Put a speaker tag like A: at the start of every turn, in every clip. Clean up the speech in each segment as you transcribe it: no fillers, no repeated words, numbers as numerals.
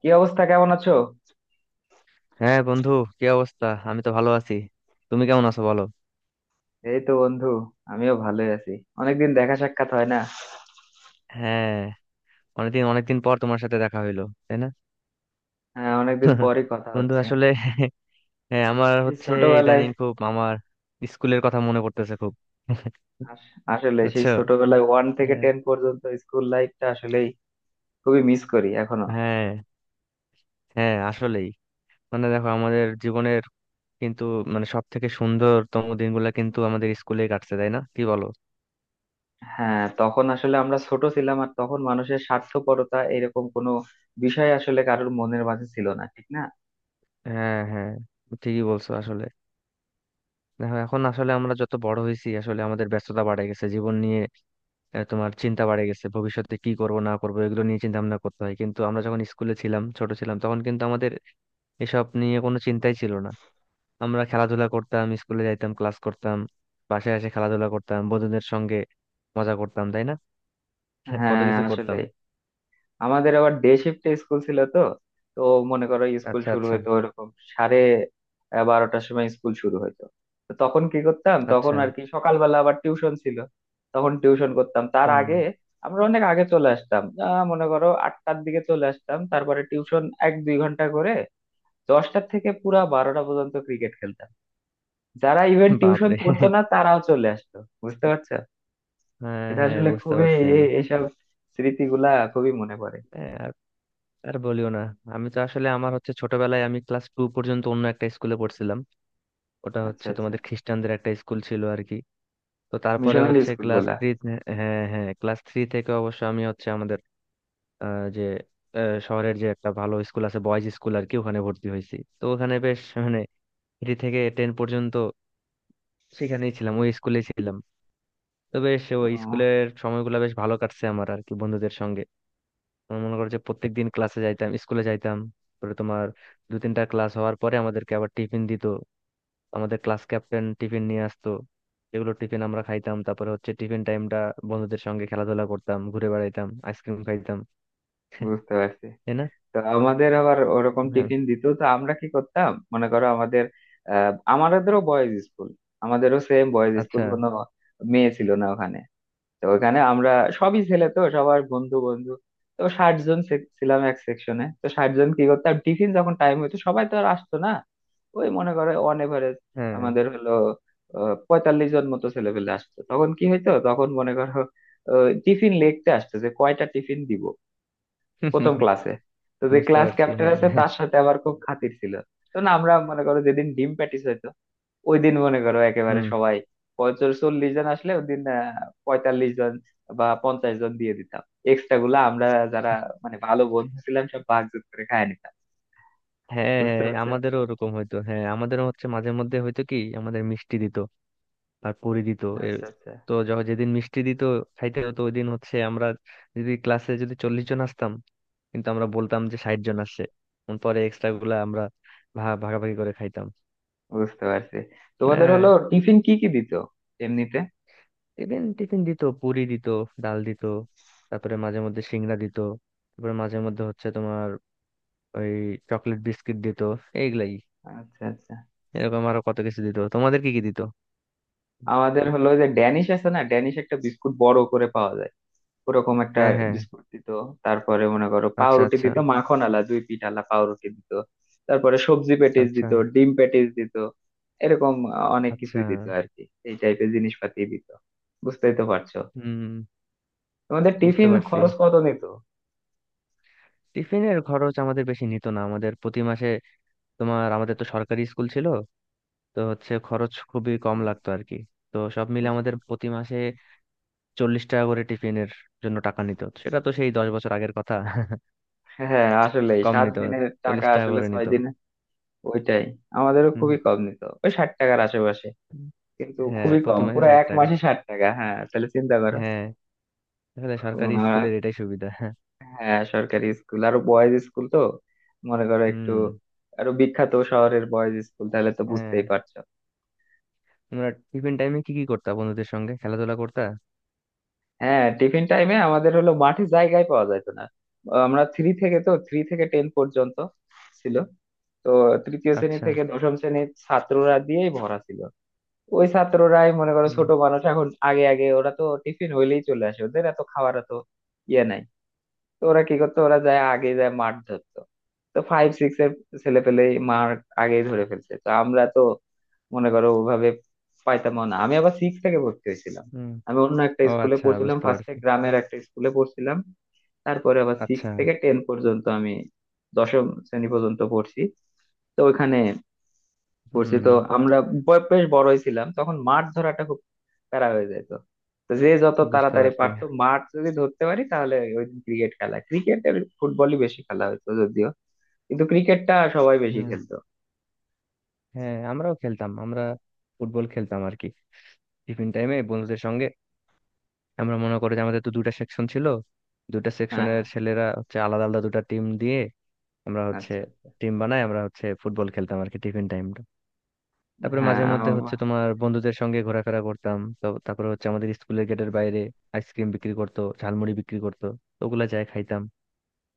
A: কি অবস্থা, কেমন আছো?
B: হ্যাঁ বন্ধু। কি অবস্থা, আমি তো ভালো আছি। তুমি কেমন আছো বলো।
A: এই তো বন্ধু, আমিও ভালোই আছি। অনেকদিন দেখা সাক্ষাৎ হয় না।
B: হ্যাঁ, অনেকদিন অনেকদিন পর তোমার সাথে দেখা হইলো তাই না।
A: হ্যাঁ, অনেকদিন পরই কথা
B: বন্ধু
A: হচ্ছে।
B: আসলে হ্যাঁ, আমার
A: এই
B: হচ্ছে
A: ছোটবেলায়,
B: ইদানিং খুব আমার স্কুলের কথা মনে পড়তেছে খুব।
A: আসলে সেই
B: বুঝছো।
A: ছোটবেলায় 1 থেকে
B: হ্যাঁ।
A: 10 পর্যন্ত স্কুল লাইফটা আসলেই খুবই মিস করি এখনো।
B: হ্যাঁ, হ্যাঁ, আসলেই মানে দেখো আমাদের জীবনের কিন্তু মানে সব থেকে সুন্দরতম দিনগুলো কিন্তু আমাদের স্কুলে কাটছে, তাই না, কি বলো।
A: হ্যাঁ, তখন আসলে আমরা ছোট ছিলাম, আর তখন মানুষের স্বার্থপরতা এরকম কোনো বিষয় আসলে কারোর মনের মাঝে ছিল না, ঠিক না?
B: হ্যাঁ হ্যাঁ ঠিকই বলছো আসলে। দেখো এখন আসলে আমরা যত বড় হয়েছি আসলে আমাদের ব্যস্ততা বাড়ে গেছে জীবন নিয়ে। তোমার চিন্তা বাড়ে গেছে ভবিষ্যতে কি করব না করব এগুলো নিয়ে চিন্তা ভাবনা করতে হয়, কিন্তু আমরা যখন স্কুলে ছিলাম, ছোট ছিলাম, তখন কিন্তু আমাদের এসব নিয়ে কোনো চিন্তাই ছিল না। আমরা খেলাধুলা করতাম, স্কুলে যাইতাম, ক্লাস করতাম, বাসায় এসে খেলাধুলা করতাম বন্ধুদের সঙ্গে, মজা করতাম, তাই না। কত
A: হ্যাঁ,
B: কিছু
A: আসলে
B: করতাম।
A: আমাদের আবার ডে শিফটে স্কুল ছিল তো। তো মনে করো স্কুল
B: আচ্ছা
A: শুরু
B: আচ্ছা
A: হতো এরকম সাড়ে 12টার সময় স্কুল শুরু হতো। তো তখন কি করতাম, তখন
B: আচ্ছা।
A: আর কি সকালবেলা আবার টিউশন ছিল। তখন টিউশন করতাম তার
B: হুম।
A: আগে। আমরা অনেক আগে চলে আসতাম, মনে করো 8টার দিকে চলে আসতাম, তারপরে টিউশন 1-2 ঘন্টা করে 10টার থেকে পুরা 12টা পর্যন্ত ক্রিকেট খেলতাম। যারা ইভেন টিউশন
B: বাপরে।
A: পড়তো না তারাও চলে আসতো। বুঝতে পারছো,
B: হ্যাঁ
A: এটা
B: হ্যাঁ
A: আসলে
B: বুঝতে
A: খুবই,
B: পারছি আমি।
A: এসব স্মৃতিগুলা খুবই মনে পড়ে।
B: হ্যাঁ, আর আর বলিও না। আমি তো আসলে আমার হচ্ছে ছোটবেলায় আমি ক্লাস টু পর্যন্ত অন্য একটা স্কুলে পড়ছিলাম। ওটা
A: আচ্ছা
B: হচ্ছে
A: আচ্ছা,
B: তোমাদের খ্রিস্টানদের একটা স্কুল ছিল আর কি। তো তারপরে
A: মিশনারি
B: হচ্ছে
A: স্কুল
B: ক্লাস
A: গুলা।
B: থ্রি, হ্যাঁ হ্যাঁ, ক্লাস থ্রি থেকে অবশ্য আমি হচ্ছে আমাদের আহ, যে শহরের যে একটা ভালো স্কুল আছে, বয়েজ স্কুল আর কি, ওখানে ভর্তি হয়েছি। তো ওখানে বেশ মানে থ্রি থেকে টেন পর্যন্ত সেখানেই ছিলাম, ওই স্কুলে ছিলাম। তো বেশ ওই
A: ও,
B: স্কুলের সময়গুলো বেশ ভালো কাটছে আমার আর কি বন্ধুদের সঙ্গে। আমার মনে করো যে প্রত্যেক দিন ক্লাসে যাইতাম, স্কুলে যাইতাম। তারপরে তোমার দু তিনটা ক্লাস হওয়ার পরে আমাদেরকে আবার টিফিন দিত। আমাদের ক্লাস ক্যাপ্টেন টিফিন নিয়ে আসতো। এগুলো টিফিন আমরা খাইতাম। তারপরে হচ্ছে টিফিন টাইমটা বন্ধুদের সঙ্গে খেলাধুলা করতাম, ঘুরে বেড়াইতাম, আইসক্রিম খাইতাম।
A: বুঝতে পারছি।
B: তাই না।
A: তো আমাদের আবার ওরকম
B: হ্যাঁ।
A: টিফিন দিত, তো আমরা কি করতাম মনে করো আমাদের, আমাদেরও বয়েজ স্কুল, আমাদেরও সেম বয়েজ স্কুল,
B: আচ্ছা।
A: কোনো মেয়ে ছিল না ওখানে। তো ওখানে আমরা সবই ছেলে, তো সবার বন্ধু বন্ধু। তো 60 জন ছিলাম এক সেকশনে, তো 60 জন কি করতাম, টিফিন যখন টাইম হইতো সবাই তো আর আসতো না। ওই মনে করে অন এভারেজ
B: হ্যাঁ।
A: আমাদের হলো 45 জন মতো ছেলে পেলে আসতো, তখন কি হইতো, তখন মনে করো টিফিন লিখতে আসতো যে কয়টা টিফিন দিব প্রথম ক্লাসে। তো যে
B: বুঝতে
A: ক্লাস
B: পারছি।
A: ক্যাপ্টেন
B: হ্যাঁ।
A: আছে তার সাথে আবার খুব খাতির ছিল। তো না, আমরা মনে করো যেদিন ডিম প্যাটিস হইতো ওই দিন মনে করো একেবারে
B: হুম।
A: সবাই, 50-40 জন আসলে ওই দিন, 45 জন বা 50 জন দিয়ে দিতাম। এক্সট্রা গুলা আমরা যারা মানে ভালো বন্ধু ছিলাম সব ভাগযোগ করে খায় নিতাম।
B: হ্যাঁ
A: বুঝতে
B: হ্যাঁ
A: পারছো।
B: আমাদেরও ওরকম হইতো। হ্যাঁ আমাদেরও হচ্ছে মাঝে মধ্যে হয়তো কি আমাদের মিষ্টি দিত আর পুরি দিত। এ-
A: আচ্ছা আচ্ছা,
B: তো যখন যেদিন মিষ্টি দিত খাইতে হতো ওই দিন হচ্ছে আমরা যদি ক্লাসে যদি 40 জন আসতাম, কিন্তু আমরা বলতাম যে 60 জন আসছে। পরে এক্সট্রা গুলা আমরা ভাগাভাগি করে খাইতাম।
A: বুঝতে পারছি। তোমাদের
B: হ্যাঁ।
A: হলো টিফিন কি কি দিত এমনিতে?
B: টিফিন, টিফিন দিত, পুরি দিত, ডাল দিত। তারপরে মাঝে মধ্যে সিংড়া দিত। তারপরে মাঝে মধ্যে হচ্ছে তোমার ওই চকলেট বিস্কিট দিত। এইগুলাই।
A: আচ্ছা আচ্ছা,
B: এরকম আরো কত কিছু দিত, তোমাদের কি কি দিত।
A: আমাদের হলো যে ড্যানিশ আছে না, ড্যানিশ একটা বিস্কুট বড় করে পাওয়া যায়, ওরকম একটা
B: হ্যাঁ হ্যাঁ।
A: বিস্কুট দিত। তারপরে মনে করো
B: আচ্ছা
A: পাউরুটি
B: আচ্ছা
A: দিত, মাখন আলা দুই পিঠ আলা পাউরুটি দিত। তারপরে সবজি প্যাটিস
B: আচ্ছা
A: দিত, ডিম প্যাটিস দিত, এরকম অনেক
B: আচ্ছা।
A: কিছুই দিত আর কি, এই টাইপের জিনিসপাতি দিত। বুঝতেই তো পারছো।
B: হুম।
A: তোমাদের
B: বুঝতে
A: টিফিন
B: পারছি।
A: খরচ কত নিত?
B: টিফিনের খরচ আমাদের বেশি নিত না। আমাদের প্রতি মাসে তোমার, আমাদের তো সরকারি স্কুল ছিল, তো হচ্ছে খরচ খুবই কম
A: হুম,
B: লাগতো আর কি। তো সব মিলে
A: বুঝ-
B: আমাদের প্রতি মাসে 40 টাকা করে টিফিনের জন্য টাকা নিত। সেটা তো সেই 10 বছর আগের কথা।
A: হ্যাঁ আসলে
B: কম
A: সাত
B: নিত,
A: দিনের টাকা
B: 40 টাকা
A: আসলে
B: করে
A: ছয়
B: নিত।
A: দিনে। ওইটাই, আমাদেরও
B: হুম,
A: খুবই কম নিত, ওই 60 টাকার আশেপাশে, কিন্তু
B: হ্যাঁ
A: খুবই কম,
B: প্রতি মাসে
A: পুরো
B: ষাট
A: এক
B: টাকা
A: মাসে 60 টাকা, হ্যাঁ তাহলে চিন্তা করো।
B: হ্যাঁ, তাহলে সরকারি স্কুলের এটাই সুবিধা।
A: হ্যাঁ, সরকারি স্কুল আর বয়েজ স্কুল তো, মনে করো একটু
B: হুম।
A: আরো বিখ্যাত শহরের বয়েজ স্কুল, তাহলে তো
B: হ্যাঁ।
A: বুঝতেই পারছো।
B: তোমরা টিফিন টাইমে কি কি করতা, বন্ধুদের সঙ্গে খেলাধুলা করতা।
A: হ্যাঁ, টিফিন টাইমে আমাদের হলো মাঠে জায়গায় পাওয়া যাইতো না। আমরা 3 থেকে, তো 3 থেকে টেন পর্যন্ত ছিল, তো তৃতীয় শ্রেণী
B: আচ্ছা।
A: থেকে দশম শ্রেণীর ছাত্ররা দিয়েই ভরা ছিল। ওই ছাত্ররাই মনে করো
B: হুম।
A: ছোট মানুষ, এখন আগে আগে ওরা তো টিফিন হইলেই চলে আসে, ওদের এত খাওয়ার তো ইয়ে নাই। তো ওরা কি করতো, ওরা যায় আগে, যায় মাঠ ধরতো। তো 5-6 এর ছেলে পেলে মার আগেই ধরে ফেলছে, তো আমরা তো মনে করো ওভাবে পাইতাম না। আমি আবার 6 থেকে ভর্তি হয়েছিলাম,
B: হুম।
A: আমি অন্য একটা
B: ও
A: স্কুলে
B: আচ্ছা,
A: পড়ছিলাম,
B: বুঝতে
A: ফার্স্টে
B: পারছি।
A: গ্রামের একটা স্কুলে পড়ছিলাম। তারপরে আবার সিক্স
B: আচ্ছা।
A: থেকে টেন পর্যন্ত আমি দশম শ্রেণী পর্যন্ত পড়ছি। তো ওইখানে পড়ছি,
B: হুম।
A: তো আমরা বেশ বড়ই ছিলাম তখন, মাছ ধরাটা খুব প্যারা হয়ে যেত। তো যে যত
B: বুঝতে
A: তাড়াতাড়ি
B: পারছি।
A: পারতো মাছ যদি ধরতে পারি তাহলে ওই ক্রিকেট খেলা, ক্রিকেট আর ফুটবলই বেশি খেলা হতো যদিও, কিন্তু ক্রিকেটটা সবাই বেশি
B: হুম।
A: খেলতো।
B: হ্যাঁ আমরাও খেলতাম। আমরা ফুটবল খেলতাম আর কি টিফিন টাইমে বন্ধুদের সঙ্গে। আমরা মনে করি যে আমাদের তো দুইটা সেকশন ছিল, দুইটা
A: হ্যাঁ
B: সেকশনের
A: হ্যাঁ,
B: ছেলেরা হচ্ছে আলাদা আলাদা দুটা টিম দিয়ে আমরা হচ্ছে
A: আচ্ছা আচ্ছা,
B: টিম বানাই, আমরা হচ্ছে ফুটবল খেলতাম আর কি টিফিন টাইমটা। তারপরে
A: হ্যাঁ
B: মাঝে মধ্যে হচ্ছে তোমার বন্ধুদের সঙ্গে ঘোরাফেরা করতাম। তো তারপরে হচ্ছে আমাদের স্কুলের গেটের বাইরে আইসক্রিম বিক্রি করতো, ঝালমুড়ি বিক্রি করতো, তো ওগুলা যাই খাইতাম।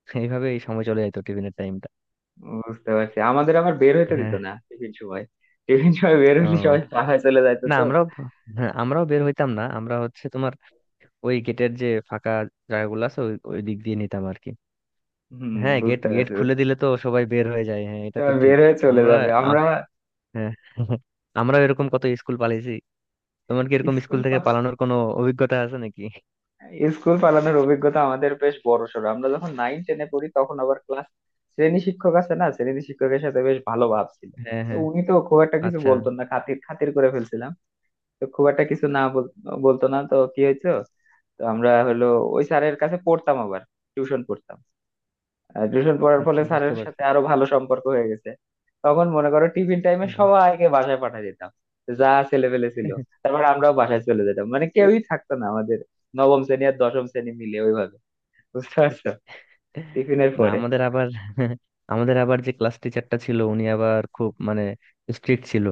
B: এইভাবে এই সময় চলে যেত টিফিনের টাইমটা।
A: বুঝতে পারছি, আমাদের আবার বের হইতে দিত
B: হ্যাঁ।
A: না টিফিন সময়। টিফিন সময় বের হইলে সবাই
B: ও
A: পাড়ায় চলে যাইতো
B: না
A: তো।
B: আমরাও, হ্যাঁ আমরাও বের হইতাম না। আমরা হচ্ছে তোমার ওই গেটের যে ফাঁকা জায়গাগুলো আছে ওই ওই দিক দিয়ে নিতাম আর কি।
A: হম
B: হ্যাঁ, গেট
A: বুঝতে
B: গেট
A: পারছি,
B: খুলে
A: বুঝতে পারছি।
B: দিলে তো সবাই বের হয়ে যায়, হ্যাঁ এটা তো
A: সবাই
B: ঠিক।
A: বের হয়ে চলে
B: আমরা
A: যাবে আমরা।
B: আম- হ্যাঁ। আমরা এরকম কত স্কুল পালিয়েছি। তোমার কি এরকম স্কুল
A: স্কুল,
B: থেকে পালানোর কোনো অভিজ্ঞতা আছে নাকি।
A: স্কুল পালানোর অভিজ্ঞতা আমাদের বেশ বড়সড়। আমরা যখন 9-10-এ পড়ি তখন আবার ক্লাস শ্রেণী শিক্ষক আছে না, শ্রেণী শিক্ষকের সাথে বেশ ভালো ভাব ছিল।
B: হ্যাঁ
A: তো
B: হ্যাঁ।
A: উনি তো খুব একটা কিছু
B: আচ্ছা
A: বলতো না, খাতির খাতির করে ফেলছিলাম। তো খুব একটা কিছু না বলতো না, তো কি হয়েছে, তো আমরা হলো ওই স্যারের কাছে পড়তাম আবার, টিউশন পড়তাম, টিউশন পড়ার ফলে
B: আচ্ছা বুঝতে
A: স্যারের
B: পারছি।
A: সাথে আরো ভালো সম্পর্ক হয়ে গেছে। তখন মনে করো টিফিন টাইমে
B: হুম।
A: সবাইকে বাসায় পাঠিয়ে দিতাম, যা ছেলেপেলে ছিল। তারপর আমরাও বাসায় চলে যেতাম, মানে কেউই থাকতো না আমাদের নবম শ্রেণী আর দশম শ্রেণী মিলে ওইভাবে। বুঝতে পারছো, টিফিনের
B: না
A: পরে।
B: আমাদের আবার আমাদের আবার যে ক্লাস টিচারটা ছিল উনি আবার খুব মানে স্ট্রিক্ট ছিল।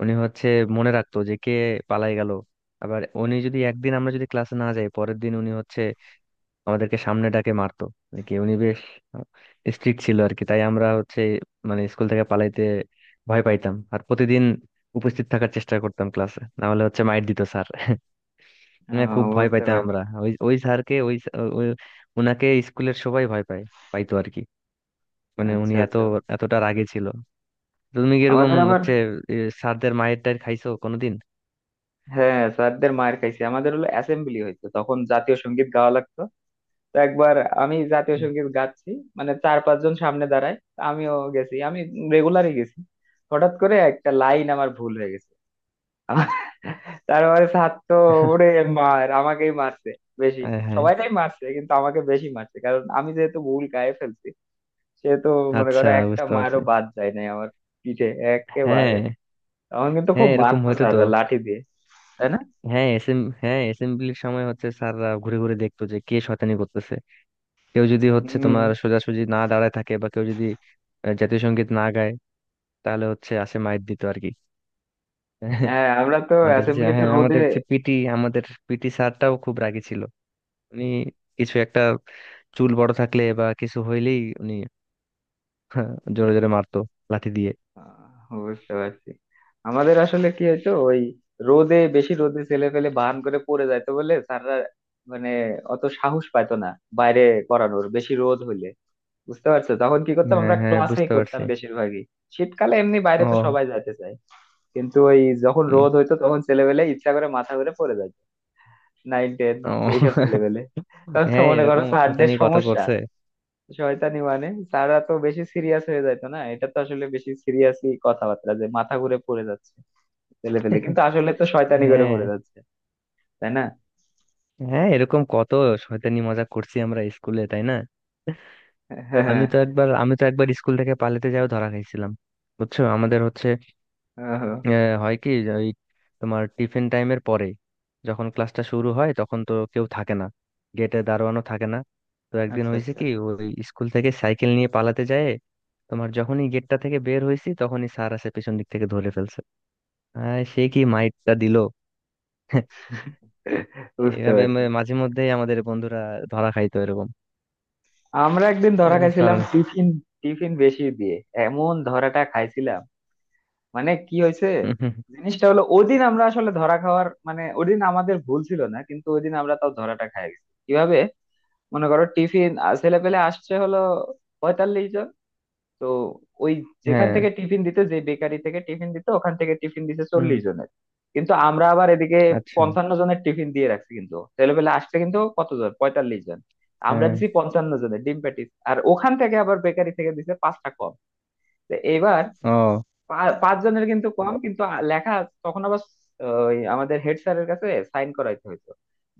B: উনি হচ্ছে মনে রাখতো যে কে পালাই গেল। আবার উনি যদি একদিন, আমরা যদি ক্লাসে না যাই পরের দিন উনি হচ্ছে আমাদেরকে সামনে ডাকে মারতো। মানে কি উনি বেশ স্ট্রিক্ট ছিল আর কি। তাই আমরা হচ্ছে মানে স্কুল থেকে পালাইতে ভয় পাইতাম আর প্রতিদিন উপস্থিত থাকার চেষ্টা করতাম ক্লাসে, না হলে হচ্ছে মাইর দিত স্যার। না, খুব ভয়
A: বুঝতে
B: পাইতাম
A: পারছি।
B: আমরা ওই ওই স্যারকে ওই ওই উনাকে স্কুলের সবাই ভয় পায়, পাইতো আর কি। মানে উনি
A: আচ্ছা
B: এত
A: আচ্ছা,
B: এতটা রাগে ছিল। তো তুমি কি এরকম
A: আমাদের আবার,
B: হচ্ছে এ, স্যারদের মায়ের টায়ের খাইছো কোনোদিন।
A: হ্যাঁ স্যারদের মার খাইছে, আমাদের হলো অ্যাসেম্বলি হইতো, তখন জাতীয় সঙ্গীত গাওয়া লাগতো। তো একবার আমি জাতীয় সঙ্গীত গাচ্ছি, মানে 4-5 জন সামনে দাঁড়ায়, আমিও গেছি, আমি রেগুলারই গেছি। হঠাৎ করে একটা লাইন আমার ভুল হয়ে গেছে। আমার, তারপরে স্যার তো ওরে মার, আমাকেই মারছে বেশি।
B: হ্যাঁ হ্যাঁ।
A: সবাইটাই মারছে কিন্তু আমাকে বেশি মারছে, কারণ আমি যেহেতু ভুল গায়ে ফেলছি সেহেতু মনে
B: আচ্ছা
A: করো একটা
B: বুঝতে পারছি।
A: মারও বাদ যায় নাই আমার পিঠে একেবারে।
B: হ্যাঁ
A: তখন কিন্তু
B: হ্যাঁ
A: খুব
B: এরকম
A: মারতো
B: হয়তো তো।
A: স্যাররা লাঠি দিয়ে, তাই না?
B: হ্যাঁ হ্যাঁ অ্যাসেম্বলির সময় হচ্ছে স্যাররা ঘুরে ঘুরে দেখতো যে কে শয়তানি করতেছে, কেউ যদি হচ্ছে
A: হম
B: তোমার সোজাসুজি না দাঁড়ায় থাকে বা কেউ যদি জাতীয় সঙ্গীত না গায়, তাহলে হচ্ছে আসে মাইর দিত আর কি।
A: হ্যাঁ আমরা তো
B: আমাদের যে,
A: অ্যাসেম্বলিতে
B: হ্যাঁ
A: রোদে।
B: আমাদের যে পিটি আমাদের পিটি স্যারটাও খুব রাগী ছিল। উনি কিছু একটা, চুল বড় থাকলে বা কিছু হইলেই উনি, হ্যাঁ, জোরে জোরে মারতো লাঠি দিয়ে।
A: বুঝতে পারছি, আমাদের আসলে কি হইতো ওই রোদে, বেশি রোদে ছেলে পেলে বাহান করে পড়ে যাইতো বলে স্যাররা মানে অত সাহস পাইতো না বাইরে করানোর বেশি রোদ হইলে। বুঝতে পারছো, তখন কি করতাম
B: হ্যাঁ
A: আমরা
B: হ্যাঁ
A: ক্লাসেই
B: বুঝতে
A: করতাম
B: পারছি।
A: বেশিরভাগই। শীতকালে এমনি বাইরে তো
B: ও।
A: সবাই যাইতে চায়, কিন্তু ওই যখন
B: উম,
A: রোদ হইতো তখন ছেলেবেলে ইচ্ছা করে মাথা ঘুরে পড়ে যাইতো, 9-10
B: ও।
A: এইসব ছেলেবেলে। তখন তো
B: হ্যাঁ
A: মনে করো
B: এরকম
A: স্যারদের
B: শয়তানি কত
A: সমস্যা,
B: করছে।
A: শয়তানি মানে, তারা তো বেশি সিরিয়াস হয়ে যাইতো না, এটা তো আসলে বেশি সিরিয়াসই কথাবার্তা যে মাথা ঘুরে পড়ে যাচ্ছে ফেলে ফেলে, কিন্তু আসলে তো শয়তানি করে
B: হ্যাঁ
A: পড়ে যাচ্ছে। তাই না?
B: হ্যাঁ এরকম কত শয়তানি, মজা করছি আমরা স্কুলে তাই না। আমি
A: হ্যাঁ।
B: তো একবার, আমি তো একবার স্কুল থেকে পালাতে যাও ধরা খাইছিলাম। বুঝছো আমাদের হচ্ছে
A: ওহো,
B: হয় কি যে ওই তোমার টিফিন টাইমের পরে যখন ক্লাসটা শুরু হয় তখন তো কেউ থাকে না, গেটে দারোয়ানও থাকে না। তো একদিন
A: আচ্ছা
B: হয়েছে
A: আচ্ছা,
B: কি ওই স্কুল থেকে সাইকেল নিয়ে পালাতে যায়, তোমার যখনই গেটটা থেকে বের হয়েছি তখনই স্যার আসে পেছন দিক থেকে ধরে ফেলছে। সে কি মাইটটা দিল।
A: বুঝতে
B: এইভাবে
A: পারছি।
B: মাঝে মধ্যেই আমাদের বন্ধুরা ধরা খাইতো এরকম।
A: আমরা একদিন ধরা
B: আরে বেশ ভালো
A: খাইছিলাম
B: না।
A: টিফিন, টিফিন বেশি দিয়ে এমন ধরাটা খাইছিলাম। মানে কি হয়েছে, জিনিসটা হলো ওদিন আমরা আসলে ধরা খাওয়ার, মানে ওদিন আমাদের ভুল ছিল না, কিন্তু ওদিন আমরা তাও ধরাটা খাই গেছি। কিভাবে, মনে করো টিফিন, ছেলে পেলে আসছে হলো 45। তো ওই যেখান
B: হ্যাঁ।
A: থেকে টিফিন দিত, যে বেকারি থেকে টিফিন দিত, ওখান থেকে টিফিন দিছে
B: হুম।
A: 40 জনের। কিন্তু আমরা আবার এদিকে
B: আচ্ছা।
A: 55 জনের টিফিন দিয়ে রাখছি, কিন্তু ছেলেপেলে আসছে কিন্তু কতজন, 45 জন। আমরা
B: হ্যাঁ।
A: দিছি 55 জনের ডিম প্যাটিস, আর ওখান থেকে আবার বেকারি থেকে দিছে 5টা কম। তো এবার
B: ও
A: পাঁচজনের কিন্তু কম, কিন্তু লেখা, তখন আবার ওই আমাদের হেড স্যারের কাছে সাইন করাইতে হইতো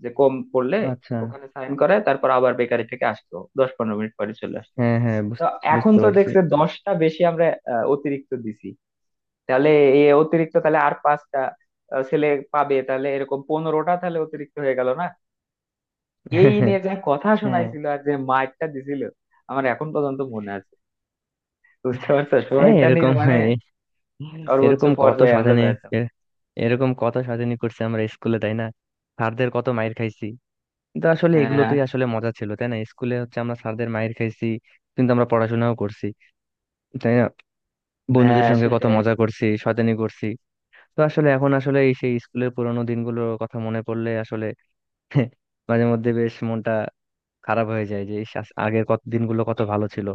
A: যে কম পড়লে।
B: আচ্ছা।
A: ওখানে সাইন করায় তারপর আবার বেকারি থেকে আসতো 10-15 মিনিট পরে চলে আসতো।
B: হ্যাঁ হ্যাঁ
A: তো এখন
B: বুঝতে
A: তো
B: পারছি।
A: দেখছে 10টা বেশি আমরা অতিরিক্ত দিছি, তাহলে এই অতিরিক্ত তাহলে আর 5টা ছেলে পাবে, তাহলে এরকম 15টা তাহলে অতিরিক্ত হয়ে গেল না। এই নিয়ে যা কথা
B: হ্যাঁ
A: শোনাইছিল আর যে মারটা দিছিল আমার এখন পর্যন্ত মনে আছে। বুঝতে পারছো,
B: হ্যাঁ
A: শয়তানির
B: এরকম,
A: মানে
B: হ্যাঁ,
A: সর্বোচ্চ
B: এরকম কত
A: পর্যায়ে আমরা
B: সাজানি,
A: যাইতাম।
B: এ- এরকম কত সাজানি করছে আমরা স্কুলে তাই না। স্যারদের কত মাইর খাইছি, কিন্তু আসলে
A: হ্যাঁ
B: এগুলোতেই আসলে মজা ছিল তাই না। স্কুলে হচ্ছে আমরা স্যারদের মাইর খাইছি কিন্তু আমরা পড়াশোনাও করছি, তাই না। বন্ধুদের
A: হ্যাঁ
B: সঙ্গে কত
A: সেটাই,
B: মজা করছি, শয়তানি করছি। তো আসলে এখন আসলে এই সেই স্কুলের পুরোনো দিনগুলোর কথা মনে পড়লে আসলে মাঝে মধ্যে বেশ মনটা খারাপ হয়ে যায় যে ইস, আগের কত দিনগুলো কত ভালো ছিল।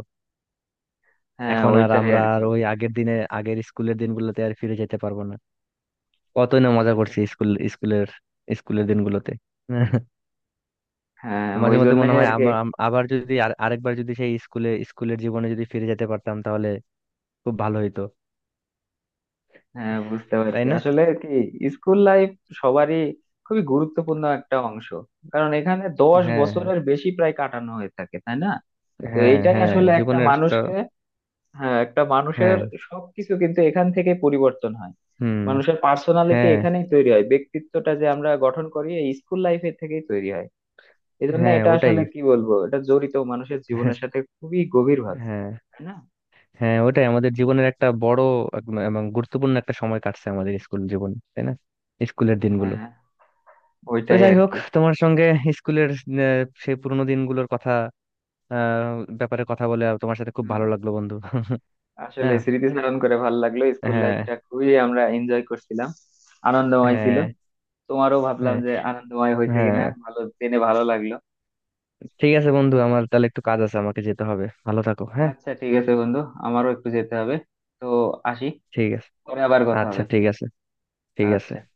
A: হ্যাঁ
B: এখন আর
A: ওইটাই
B: আমরা
A: আর
B: আর
A: কি,
B: ওই আগের দিনে, আগের স্কুলের দিনগুলোতে আর ফিরে যেতে পারবো না। কতই না মজা
A: সেটাই,
B: করছি স্কুলের স্কুলের দিনগুলোতে।
A: হ্যাঁ
B: মাঝে
A: ওই
B: মধ্যে মনে
A: জন্যই
B: হয়
A: আর কি।
B: আবার, আবার যদি আর আরেকবার যদি সেই স্কুলে, স্কুলের জীবনে যদি ফিরে যেতে পারতাম তাহলে খুব ভালো হইতো।
A: হ্যাঁ বুঝতে
B: তাই
A: পারছি,
B: না।
A: আসলে কি স্কুল লাইফ সবারই খুবই গুরুত্বপূর্ণ একটা অংশ, কারণ এখানে দশ
B: হ্যাঁ হ্যাঁ।
A: বছরের বেশি প্রায় কাটানো হয়ে থাকে, তাই না? তো
B: হ্যাঁ
A: এইটাই
B: হ্যাঁ
A: আসলে একটা
B: জীবনের একটা,
A: মানুষকে, হ্যাঁ একটা মানুষের
B: হ্যাঁ।
A: সবকিছু কিন্তু এখান থেকে পরিবর্তন হয়।
B: হুম।
A: মানুষের পার্সোনালিটি
B: হ্যাঁ
A: এখানেই তৈরি হয়, ব্যক্তিত্বটা যে আমরা গঠন করি এই স্কুল লাইফের থেকেই তৈরি হয়। এই জন্য
B: হ্যাঁ
A: এটা
B: ওটাই।
A: আসলে কি বলবো, এটা জড়িত মানুষের জীবনের সাথে খুবই গভীর ভাবে,
B: হ্যাঁ।
A: তাই না?
B: হ্যাঁ ওটাই আমাদের জীবনের একটা বড়, এবং গুরুত্বপূর্ণ একটা সময় কাটছে আমাদের স্কুল জীবন তাই না, স্কুলের দিনগুলো।
A: হ্যাঁ
B: তো
A: ওইটাই
B: যাই
A: আর
B: হোক,
A: কি।
B: তোমার সঙ্গে স্কুলের সেই পুরোনো দিনগুলোর কথা আহ ব্যাপারে কথা বলে আর তোমার সাথে খুব ভালো
A: হ্যাঁ
B: লাগলো বন্ধু।
A: আসলে
B: হ্যাঁ
A: স্মৃতিচারণ করে ভালো লাগলো, স্কুল
B: হ্যাঁ
A: লাইফটা খুবই আমরা এনজয় করছিলাম, আনন্দময় ছিল।
B: হ্যাঁ
A: তোমারও ভাবলাম
B: হ্যাঁ
A: যে আনন্দময় হয়েছে
B: হ্যাঁ।
A: কিনা, ভালো জেনে ভালো লাগলো।
B: ঠিক আছে বন্ধু, আমার তাহলে একটু কাজ আছে, আমাকে যেতে হবে, ভালো থাকো। হ্যাঁ,
A: আচ্ছা ঠিক আছে বন্ধু, আমারও একটু যেতে হবে, তো আসি,
B: ঠিক আছে।
A: পরে আবার কথা
B: আচ্ছা
A: হবে।
B: ঠিক আছে। ঠিক আছে।
A: আচ্ছা।